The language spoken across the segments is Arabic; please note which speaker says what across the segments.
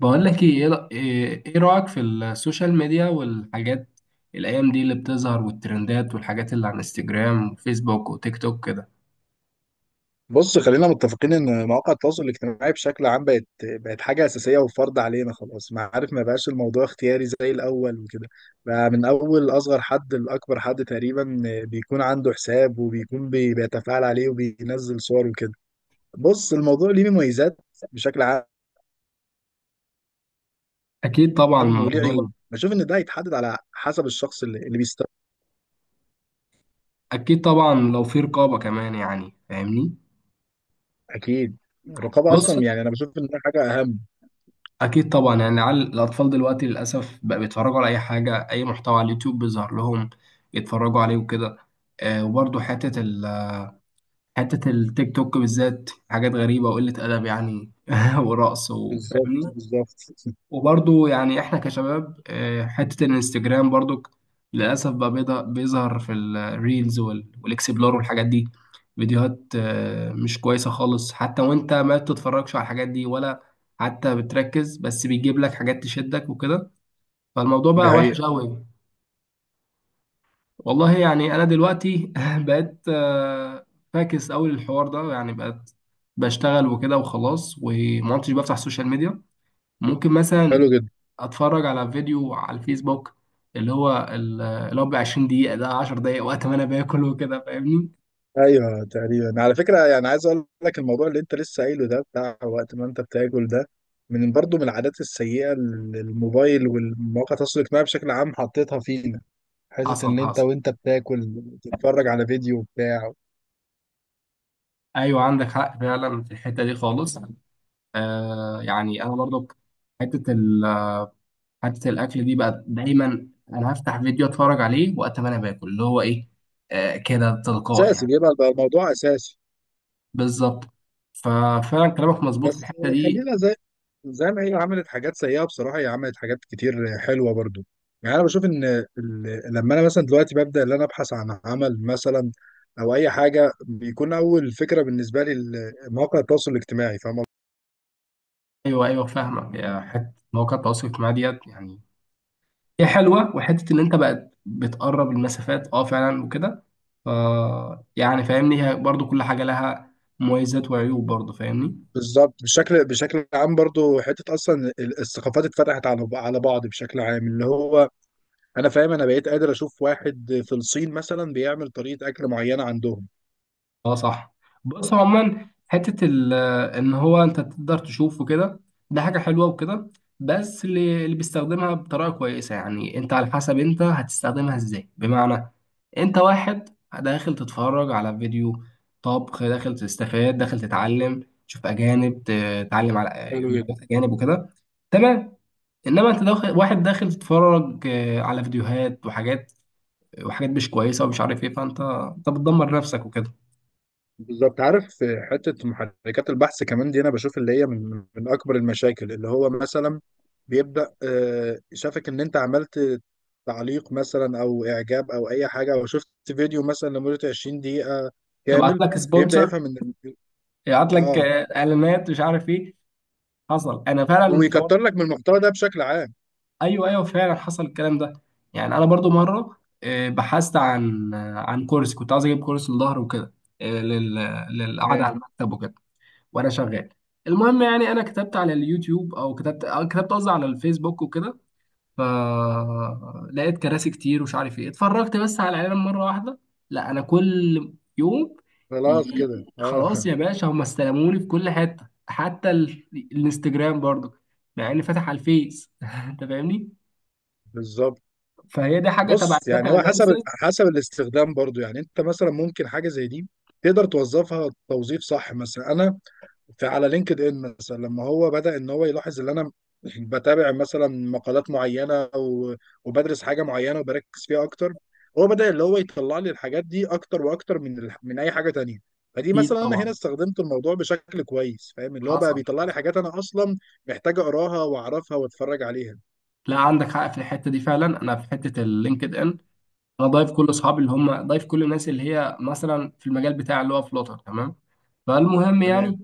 Speaker 1: بقول لك ايه، إيه رأيك في السوشيال ميديا والحاجات الايام دي اللي بتظهر، والترندات والحاجات اللي على الانستجرام وفيسبوك وتيك توك كده؟
Speaker 2: بص، خلينا متفقين ان مواقع التواصل الاجتماعي بشكل عام بقت حاجه اساسيه وفرض علينا خلاص. ما عارف، ما بقاش الموضوع اختياري زي الاول وكده. بقى من اول اصغر حد لاكبر حد تقريبا بيكون عنده حساب وبيكون بيتفاعل عليه وبينزل صور وكده. بص، الموضوع ليه مميزات بشكل عام
Speaker 1: اكيد طبعا
Speaker 2: وليه
Speaker 1: الموضوع
Speaker 2: عيوب. بشوف ان ده هيتحدد على حسب الشخص اللي بيستخدم.
Speaker 1: اكيد طبعا لو في رقابة كمان يعني فاهمني.
Speaker 2: اكيد. الرقابه
Speaker 1: بص.
Speaker 2: اصلا يعني انا بشوف ان ده حاجه اهم.
Speaker 1: اكيد طبعا يعني على الاطفال دلوقتي للاسف بقى بيتفرجوا على اي حاجة، اي محتوى على اليوتيوب بيظهر لهم يتفرجوا عليه وكده. آه، وبرضه حتة التيك توك بالذات حاجات غريبة وقلة أدب يعني ورقص
Speaker 2: بالظبط
Speaker 1: وفاهمني.
Speaker 2: بالظبط.
Speaker 1: وبرضو يعني احنا كشباب، حتة الانستجرام برضو للأسف بقى بيظهر في الريلز والاكسبلور والحاجات دي. فيديوهات مش كويسة خالص، حتى وانت ما بتتفرجش على الحاجات دي ولا حتى بتركز، بس بيجيب لك حاجات تشدك وكده. فالموضوع
Speaker 2: دي
Speaker 1: بقى وحش
Speaker 2: حقيقه.
Speaker 1: قوي. والله يعني انا دلوقتي بقيت، فاكس قوي للحوار ده. يعني بقيت بشتغل وكده وخلاص، وما عدتش بفتح السوشيال ميديا. ممكن
Speaker 2: حلو
Speaker 1: مثلا
Speaker 2: جدا.
Speaker 1: اتفرج على فيديو على الفيسبوك اللي هو ب 20 دقيقة، ده 10 دقايق وقت ما انا باكل وكده فاهمني.
Speaker 2: ايوه تقريبا، على فكره يعني عايز اقول لك الموضوع اللي انت لسه قايله ده بتاع وقت ما انت بتاكل ده، من برضه من العادات السيئه اللي الموبايل والمواقع التواصل الاجتماعي بشكل عام حطيتها فينا. حته
Speaker 1: حصل
Speaker 2: ان انت
Speaker 1: حصل
Speaker 2: وانت بتاكل تتفرج على فيديو بتاع.
Speaker 1: ايوه، عندك حق فعلا في الحتة دي خالص. آه، يعني انا برضو حتة ال حتة الاكل دي بقى، دايما انا هفتح فيديو اتفرج عليه وقت ما انا باكل، اللي هو ايه، آه كده تلقائي
Speaker 2: اساسي
Speaker 1: يعني.
Speaker 2: بيبقى بقى الموضوع اساسي.
Speaker 1: بالظبط. ففعلا كلامك مظبوط في
Speaker 2: بس
Speaker 1: الحتة دي.
Speaker 2: خلينا زي ما هي عملت حاجات سيئة بصراحة، هي عملت حاجات كتير حلوة برضو. يعني أنا بشوف إن لما أنا مثلا دلوقتي ببدأ إن أنا أبحث عن عمل مثلا أو أي حاجة، بيكون أول فكرة بالنسبة لي مواقع التواصل الاجتماعي. فاهم قصدي؟
Speaker 1: ايوه ايوه فاهمك. حتة مواقع التواصل الاجتماعي ديت يعني هي حلوه، وحته ان انت بقت بتقرب المسافات، اه فعلا وكده. ف يعني فاهمني، هي برضو كل حاجه لها مميزات وعيوب، برضو فاهمني.
Speaker 2: بالظبط. بشكل عام برضو، حتة أصلا الثقافات اتفتحت على بعض بشكل عام. اللي هو أنا فاهم أنا بقيت قادر أشوف واحد في الصين مثلا بيعمل طريقة أكل معينة عندهم.
Speaker 1: اه صح. بص عموما ان هو انت تقدر تشوفه كده، ده حاجه حلوه وكده. بس اللي بيستخدمها بطريقه كويسه يعني، انت على حسب انت هتستخدمها ازاي. بمعنى، انت واحد داخل تتفرج على فيديو طبخ، داخل تستفاد، داخل تتعلم، تشوف اجانب، تتعلم على فيديوهات اجانب وكده، تمام. انما انت داخل، واحد داخل تتفرج على فيديوهات وحاجات وحاجات مش كويسه ومش عارف ايه، فانت بتدمر نفسك وكده.
Speaker 2: بالظبط. عارف، حتة محركات البحث كمان دي أنا بشوف اللي هي من أكبر المشاكل. اللي هو مثلا بيبدأ، شافك إن أنت عملت تعليق مثلا أو إعجاب أو أي حاجة، أو شفت فيديو مثلا لمدة 20 دقيقة
Speaker 1: يبعت
Speaker 2: كامل،
Speaker 1: لك
Speaker 2: بيبدأ
Speaker 1: سبونسر،
Speaker 2: يفهم إن
Speaker 1: يبعت لك
Speaker 2: آه
Speaker 1: اعلانات مش عارف ايه. حصل، انا فعلا الحوار.
Speaker 2: ويكتر لك من المحتوى ده بشكل عام.
Speaker 1: ايوه ايوه فعلا حصل الكلام ده. يعني انا برضو مره آه، بحثت عن آه، عن كورس، كنت عايز اجيب كورس للظهر وكده، آه، لل- للقعده
Speaker 2: تمام.
Speaker 1: على المكتب وكده وانا شغال. المهم يعني انا كتبت على اليوتيوب، او كتبت قصدي على الفيسبوك وكده، فلقيت كراسي كتير ومش عارف ايه. اتفرجت بس على الاعلان مره واحده، لا، انا كل يوم
Speaker 2: خلاص كده آه
Speaker 1: خلاص يا باشا هم استلموني في كل حته، حتى الانستجرام برضو مع اني فاتح على الفيس انت فاهمني.
Speaker 2: بالظبط.
Speaker 1: فهي دي حاجه تبع
Speaker 2: بص، يعني
Speaker 1: الداتا
Speaker 2: هو حسب
Speaker 1: اناليسيز.
Speaker 2: حسب الاستخدام برضو. يعني أنت مثلا ممكن حاجة زي دي تقدر توظفها توظيف صح. مثلا فعلى لينكد ان، مثلا لما هو بدأ ان هو يلاحظ ان انا بتابع مثلا مقالات معينه وبدرس حاجه معينه وبركز فيها اكتر، هو بدأ اللي هو يطلع لي الحاجات دي اكتر واكتر من من اي حاجه تانية. فدي
Speaker 1: اكيد
Speaker 2: مثلا انا هنا
Speaker 1: طبعا.
Speaker 2: استخدمت الموضوع بشكل كويس، فاهم؟ اللي هو بقى
Speaker 1: حصل
Speaker 2: بيطلع لي
Speaker 1: حصل
Speaker 2: حاجات انا اصلا محتاج اقراها واعرفها واتفرج عليها.
Speaker 1: لا عندك حق في الحته دي فعلا. انا في حته اللينكد ان، انا ضايف كل اصحابي اللي هم ضايف كل الناس اللي هي مثلا في المجال بتاع اللي هو فلوتر، تمام. فالمهم
Speaker 2: تمام.
Speaker 1: يعني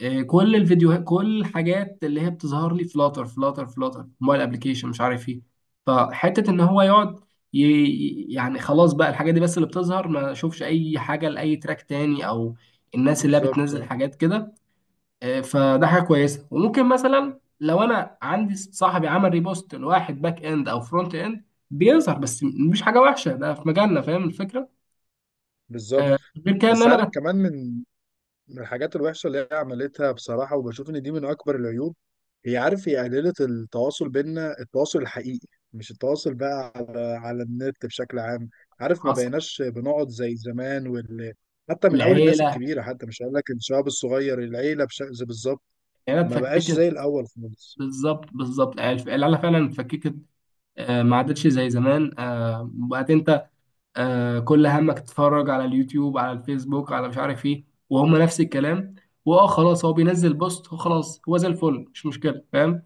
Speaker 1: إيه، كل الفيديوهات كل الحاجات اللي هي بتظهر لي فلاتر فلاتر فلاتر، موبايل ابلكيشن مش عارف ايه. فحته ان هو يقعد يعني خلاص بقى الحاجات دي بس اللي بتظهر، ما اشوفش اي حاجه لاي تراك تاني، او الناس اللي هي
Speaker 2: بالظبط
Speaker 1: بتنزل
Speaker 2: آه،
Speaker 1: حاجات كده. آه، فده حاجه كويسه. وممكن مثلا لو انا عندي صاحبي عمل ريبوست لواحد باك اند او فرونت اند بيظهر، بس مش حاجه وحشه ده في مجالنا فاهم الفكره.
Speaker 2: بالظبط.
Speaker 1: غير كده ان
Speaker 2: بس عارف
Speaker 1: انا
Speaker 2: كمان من من الحاجات الوحشة اللي هي عملتها بصراحة، وبشوف إن دي من أكبر العيوب، هي، عارف، هي قللت التواصل بينا، التواصل الحقيقي، مش التواصل بقى على النت بشكل عام. عارف، ما
Speaker 1: بتحصل.
Speaker 2: بقيناش بنقعد زي زمان حتى من أول الناس
Speaker 1: العيله،
Speaker 2: الكبيرة، حتى مش هقول لك الشباب الصغير، العيلة بالظبط.
Speaker 1: العيله
Speaker 2: ما بقاش زي
Speaker 1: اتفككت.
Speaker 2: الأول خالص.
Speaker 1: بالظبط بالظبط، العيله العيلة فعلا اتفككت. آه، ما عادتش زي زمان. آه، بقت انت كل همك تتفرج على اليوتيوب، على الفيسبوك، على مش عارف ايه، وهم نفس الكلام. واه خلاص هو بينزل بوست وخلاص هو زي الفل، مش مشكله فاهم.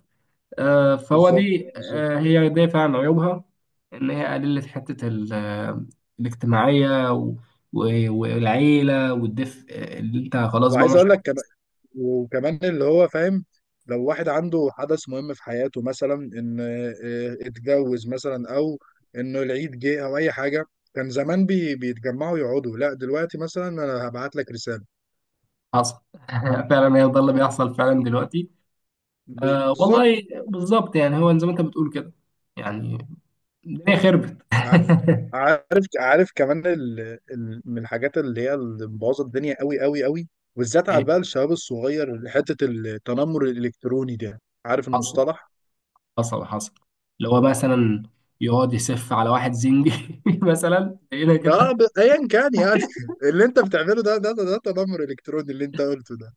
Speaker 1: آه، فهو
Speaker 2: بالظبط
Speaker 1: دي
Speaker 2: بالظبط.
Speaker 1: آه، هي دي فعلا عيوبها، ان هي قللت حته ال- آه، الاجتماعيه والعيله والدفء، اللي انت خلاص بقى
Speaker 2: وعايز
Speaker 1: مش
Speaker 2: أقول لك وكمان اللي هو، فاهم، لو واحد عنده حدث مهم في حياته، مثلا ان اتجوز مثلا او انه العيد جه او اي حاجه، كان زمان بيتجمعوا يقعدوا. لا دلوقتي مثلا انا هبعت لك رساله.
Speaker 1: حاصل فعلا هي ده اللي بيحصل فعلا دلوقتي. آه
Speaker 2: بالظبط.
Speaker 1: والله بالظبط، يعني هو زي ما انت بتقول كده يعني. الدنيا خربت
Speaker 2: ع- عارف، عارف كمان من الحاجات اللي هي اللي مبوظه الدنيا قوي قوي قوي، وبالذات على بقى الشباب الصغير، حته التنمر الالكتروني ده. عارف
Speaker 1: حصل
Speaker 2: المصطلح؟
Speaker 1: حصل. اللي هو مثلا يقعد يسف على واحد زنجي مثلا هنا
Speaker 2: اه
Speaker 1: كده.
Speaker 2: ايا كان يعني اللي انت بتعمله ده ده تنمر الكتروني اللي انت قلته ده.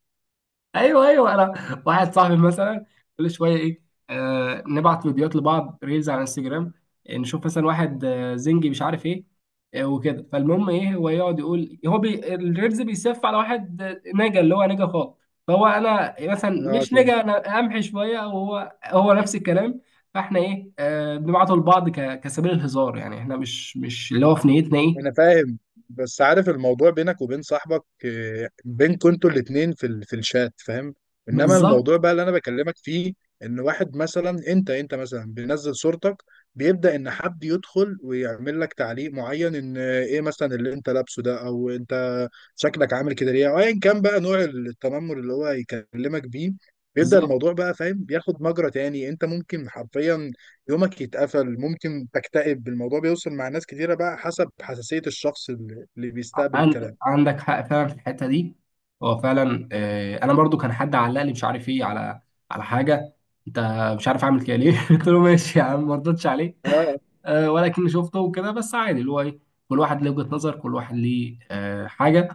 Speaker 1: ايوه ايوه، انا واحد صاحبي مثلا كل شويه ايه، آه، نبعت فيديوهات لبعض ريلز على انستجرام، آه، نشوف مثلا واحد آه زنجي مش عارف ايه، آه وكده. فالمهم ايه، هو يقعد يقول هو بي الريلز بيسف على واحد، نجا اللي هو نجا خالص. فهو انا مثلا
Speaker 2: اه
Speaker 1: مش
Speaker 2: تمام.
Speaker 1: نجا، انا امحي شويه، وهو نفس الكلام. فاحنا ايه آه بنبعته لبعض كسبيل الهزار يعني، احنا مش اللي هو في نيتنا ايه.
Speaker 2: انا فاهم. بس عارف، الموضوع بينك وبين صاحبك، بينكوا انتوا الاتنين في في الشات، فاهم؟ انما الموضوع
Speaker 1: بالظبط
Speaker 2: بقى اللي انا بكلمك فيه ان واحد مثلا، انت مثلا بينزل صورتك، بيبدأ ان حد يدخل ويعمل لك تعليق معين ان ايه مثلا اللي انت لابسه ده، او انت شكلك عامل كده ليه، او ايا كان بقى نوع التنمر اللي هو يكلمك بيه. بيبدأ
Speaker 1: بالظبط.
Speaker 2: الموضوع بقى، فاهم، بياخد مجرى تاني. انت ممكن حرفيا يومك يتقفل، ممكن تكتئب. الموضوع بيوصل مع ناس كتيرة بقى حسب حساسية الشخص اللي بيستقبل
Speaker 1: عند
Speaker 2: الكلام.
Speaker 1: عندك حق فعلا في الحته دي. هو فعلا، آه، انا برضو كان حد علق لي مش عارف ايه على على حاجه، انت مش عارف اعمل كده ليه قلت له ماشي يا عم، ما ردتش عليه.
Speaker 2: اه
Speaker 1: آه، ولكن شفته وكده، بس عادي اللي هو ايه، كل واحد ليه وجهه نظر، كل واحد ليه حاجه،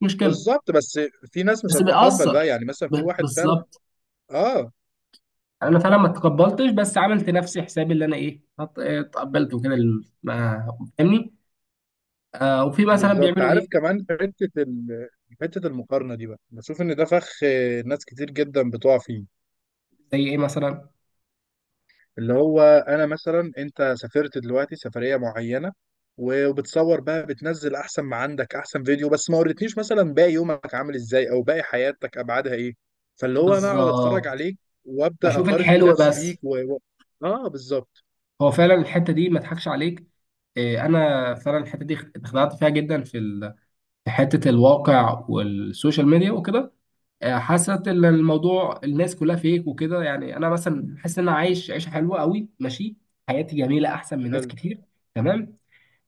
Speaker 1: مش مشكله.
Speaker 2: بالظبط. بس في ناس مش
Speaker 1: بس
Speaker 2: هتتقبل
Speaker 1: بيأثر.
Speaker 2: بقى، يعني مثلا في واحد فعلا.
Speaker 1: بالظبط.
Speaker 2: اه
Speaker 1: انا فعلا ما تقبلتش، بس عملت نفسي حسابي اللي انا ايه تقبلت وكده ما فاهمني. آه، وفي مثلا
Speaker 2: بالظبط.
Speaker 1: بيعملوا
Speaker 2: عارف
Speaker 1: ايه.
Speaker 2: كمان حتة حتة المقارنة دي بقى، بشوف ان ده فخ، ناس كتير جدا بتقع فيه.
Speaker 1: زي ايه مثلا.
Speaker 2: اللي هو انا مثلا، انت سافرت دلوقتي سفرية معينة وبتصور بقى، بتنزل احسن ما عندك، احسن فيديو، بس ما وريتنيش مثلا باقي يومك عامل ازاي او باقي حياتك ابعادها ايه. فاللي هو انا اقعد اتفرج
Speaker 1: بالظبط
Speaker 2: عليك وابدا
Speaker 1: بشوف
Speaker 2: اقارن
Speaker 1: الحلو
Speaker 2: نفسي بيك
Speaker 1: بس.
Speaker 2: اه بالظبط.
Speaker 1: هو فعلا الحته دي ما اضحكش عليك. إيه، انا فعلا الحته دي اتخدعت فيها جدا في في حته الواقع والسوشيال ميديا وكده. آه، حاسه ان الموضوع الناس كلها فيك وكده. يعني انا مثلا حاسس ان انا عايش عيشه حلوه قوي، ماشي، حياتي جميله احسن من ناس
Speaker 2: حلو.
Speaker 1: كتير، تمام.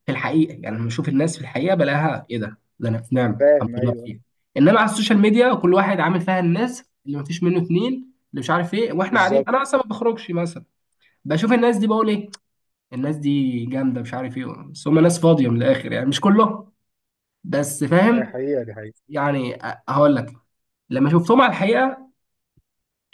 Speaker 1: في الحقيقه يعني لما بشوف الناس في الحقيقه بلاقيها ايه، ده انا في نعمه الحمد
Speaker 2: فاهم،
Speaker 1: لله
Speaker 2: ايوه.
Speaker 1: بخير. انما على السوشيال ميديا كل واحد عامل فيها الناس اللي ما فيش منه اتنين، اللي مش عارف ايه، واحنا قاعدين
Speaker 2: بالظبط.
Speaker 1: انا اصلا ما بخرجش مثلا بشوف الناس دي بقول ايه، الناس دي جامده مش عارف ايه. بس هم ناس فاضيه من الاخر يعني، مش كله، بس
Speaker 2: دي
Speaker 1: فاهم.
Speaker 2: حقيقة، دي حقيقة.
Speaker 1: يعني هقول لك، لما شفتهم على الحقيقه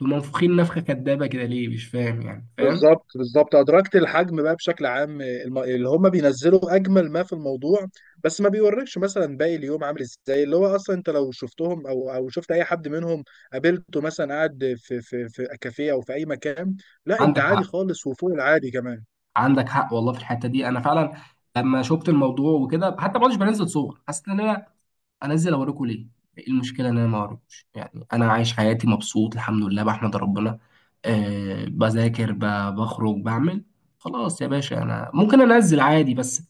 Speaker 1: دول منفوخين نفخه كدابه كده، ليه مش فاهم يعني فاهم.
Speaker 2: بالظبط بالظبط. ادركت الحجم بقى بشكل عام. اللي هم بينزلوا اجمل ما في الموضوع، بس ما بيوريكش مثلا باقي اليوم عامل ازاي. اللي هو اصلا انت لو شفتهم او شفت اي حد منهم قابلته مثلا قاعد في في كافيه او في اي مكان، لا انت
Speaker 1: عندك
Speaker 2: عادي
Speaker 1: حق،
Speaker 2: خالص وفوق العادي كمان.
Speaker 1: عندك حق والله في الحته دي. انا فعلا لما شفت الموضوع وكده، حتى ما كنتش بنزل صور. حسيت ان انا انزل اوريكم ليه؟ ايه المشكله ان انا ما اوريكوش يعني؟ انا عايش حياتي مبسوط الحمد لله بحمد ربنا. أه بذاكر، بخرج، بعمل، خلاص يا باشا انا ممكن انزل عادي. بس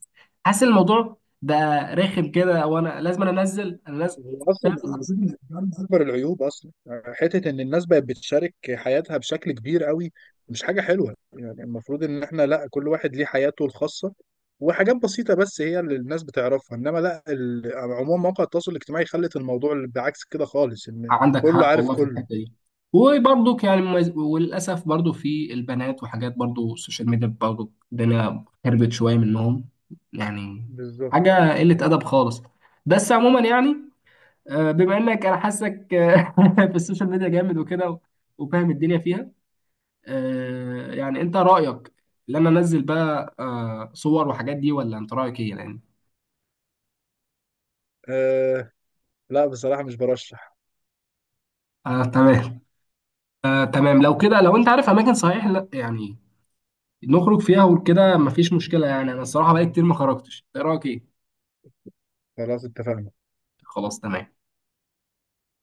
Speaker 1: حاسس الموضوع بقى رخم كده، وانا لازم أنا انزل انا لازم
Speaker 2: هو اصلا انا
Speaker 1: فاهم.
Speaker 2: بشوف ان ده من اكبر العيوب اصلا، يعني حته ان الناس بقت بتشارك حياتها بشكل كبير قوي. مش حاجه حلوه يعني. المفروض ان احنا لا، كل واحد ليه حياته الخاصه، وحاجات بسيطه بس هي اللي الناس بتعرفها. انما لا، عموما مواقع التواصل الاجتماعي خلت الموضوع اللي بعكس كده خالص، ان
Speaker 1: عندك
Speaker 2: كله
Speaker 1: حق
Speaker 2: عارف
Speaker 1: والله في
Speaker 2: كله.
Speaker 1: الحته دي. وبرضك يعني وللاسف برضو في البنات وحاجات، برضو السوشيال ميديا برضو الدنيا خربت شويه منهم يعني.
Speaker 2: بالظبط
Speaker 1: حاجه قله ادب خالص. بس عموما يعني، آه، بما انك انا حاسك، آه، في السوشيال ميديا جامد وكده، وفاهم الدنيا فيها، آه، يعني انت رايك ان انا انزل بقى، آه، صور وحاجات دي؟ ولا انت رايك ايه يعني؟
Speaker 2: آه. لا بصراحه مش برشح.
Speaker 1: آه تمام. آه تمام لو كده. لو انت عارف اماكن صحيح، لا يعني نخرج فيها وكده مفيش مشكله، يعني انا الصراحه بقالي كتير ما خرجتش. إنت رايك ايه؟
Speaker 2: خلاص اتفقنا.
Speaker 1: خلاص تمام.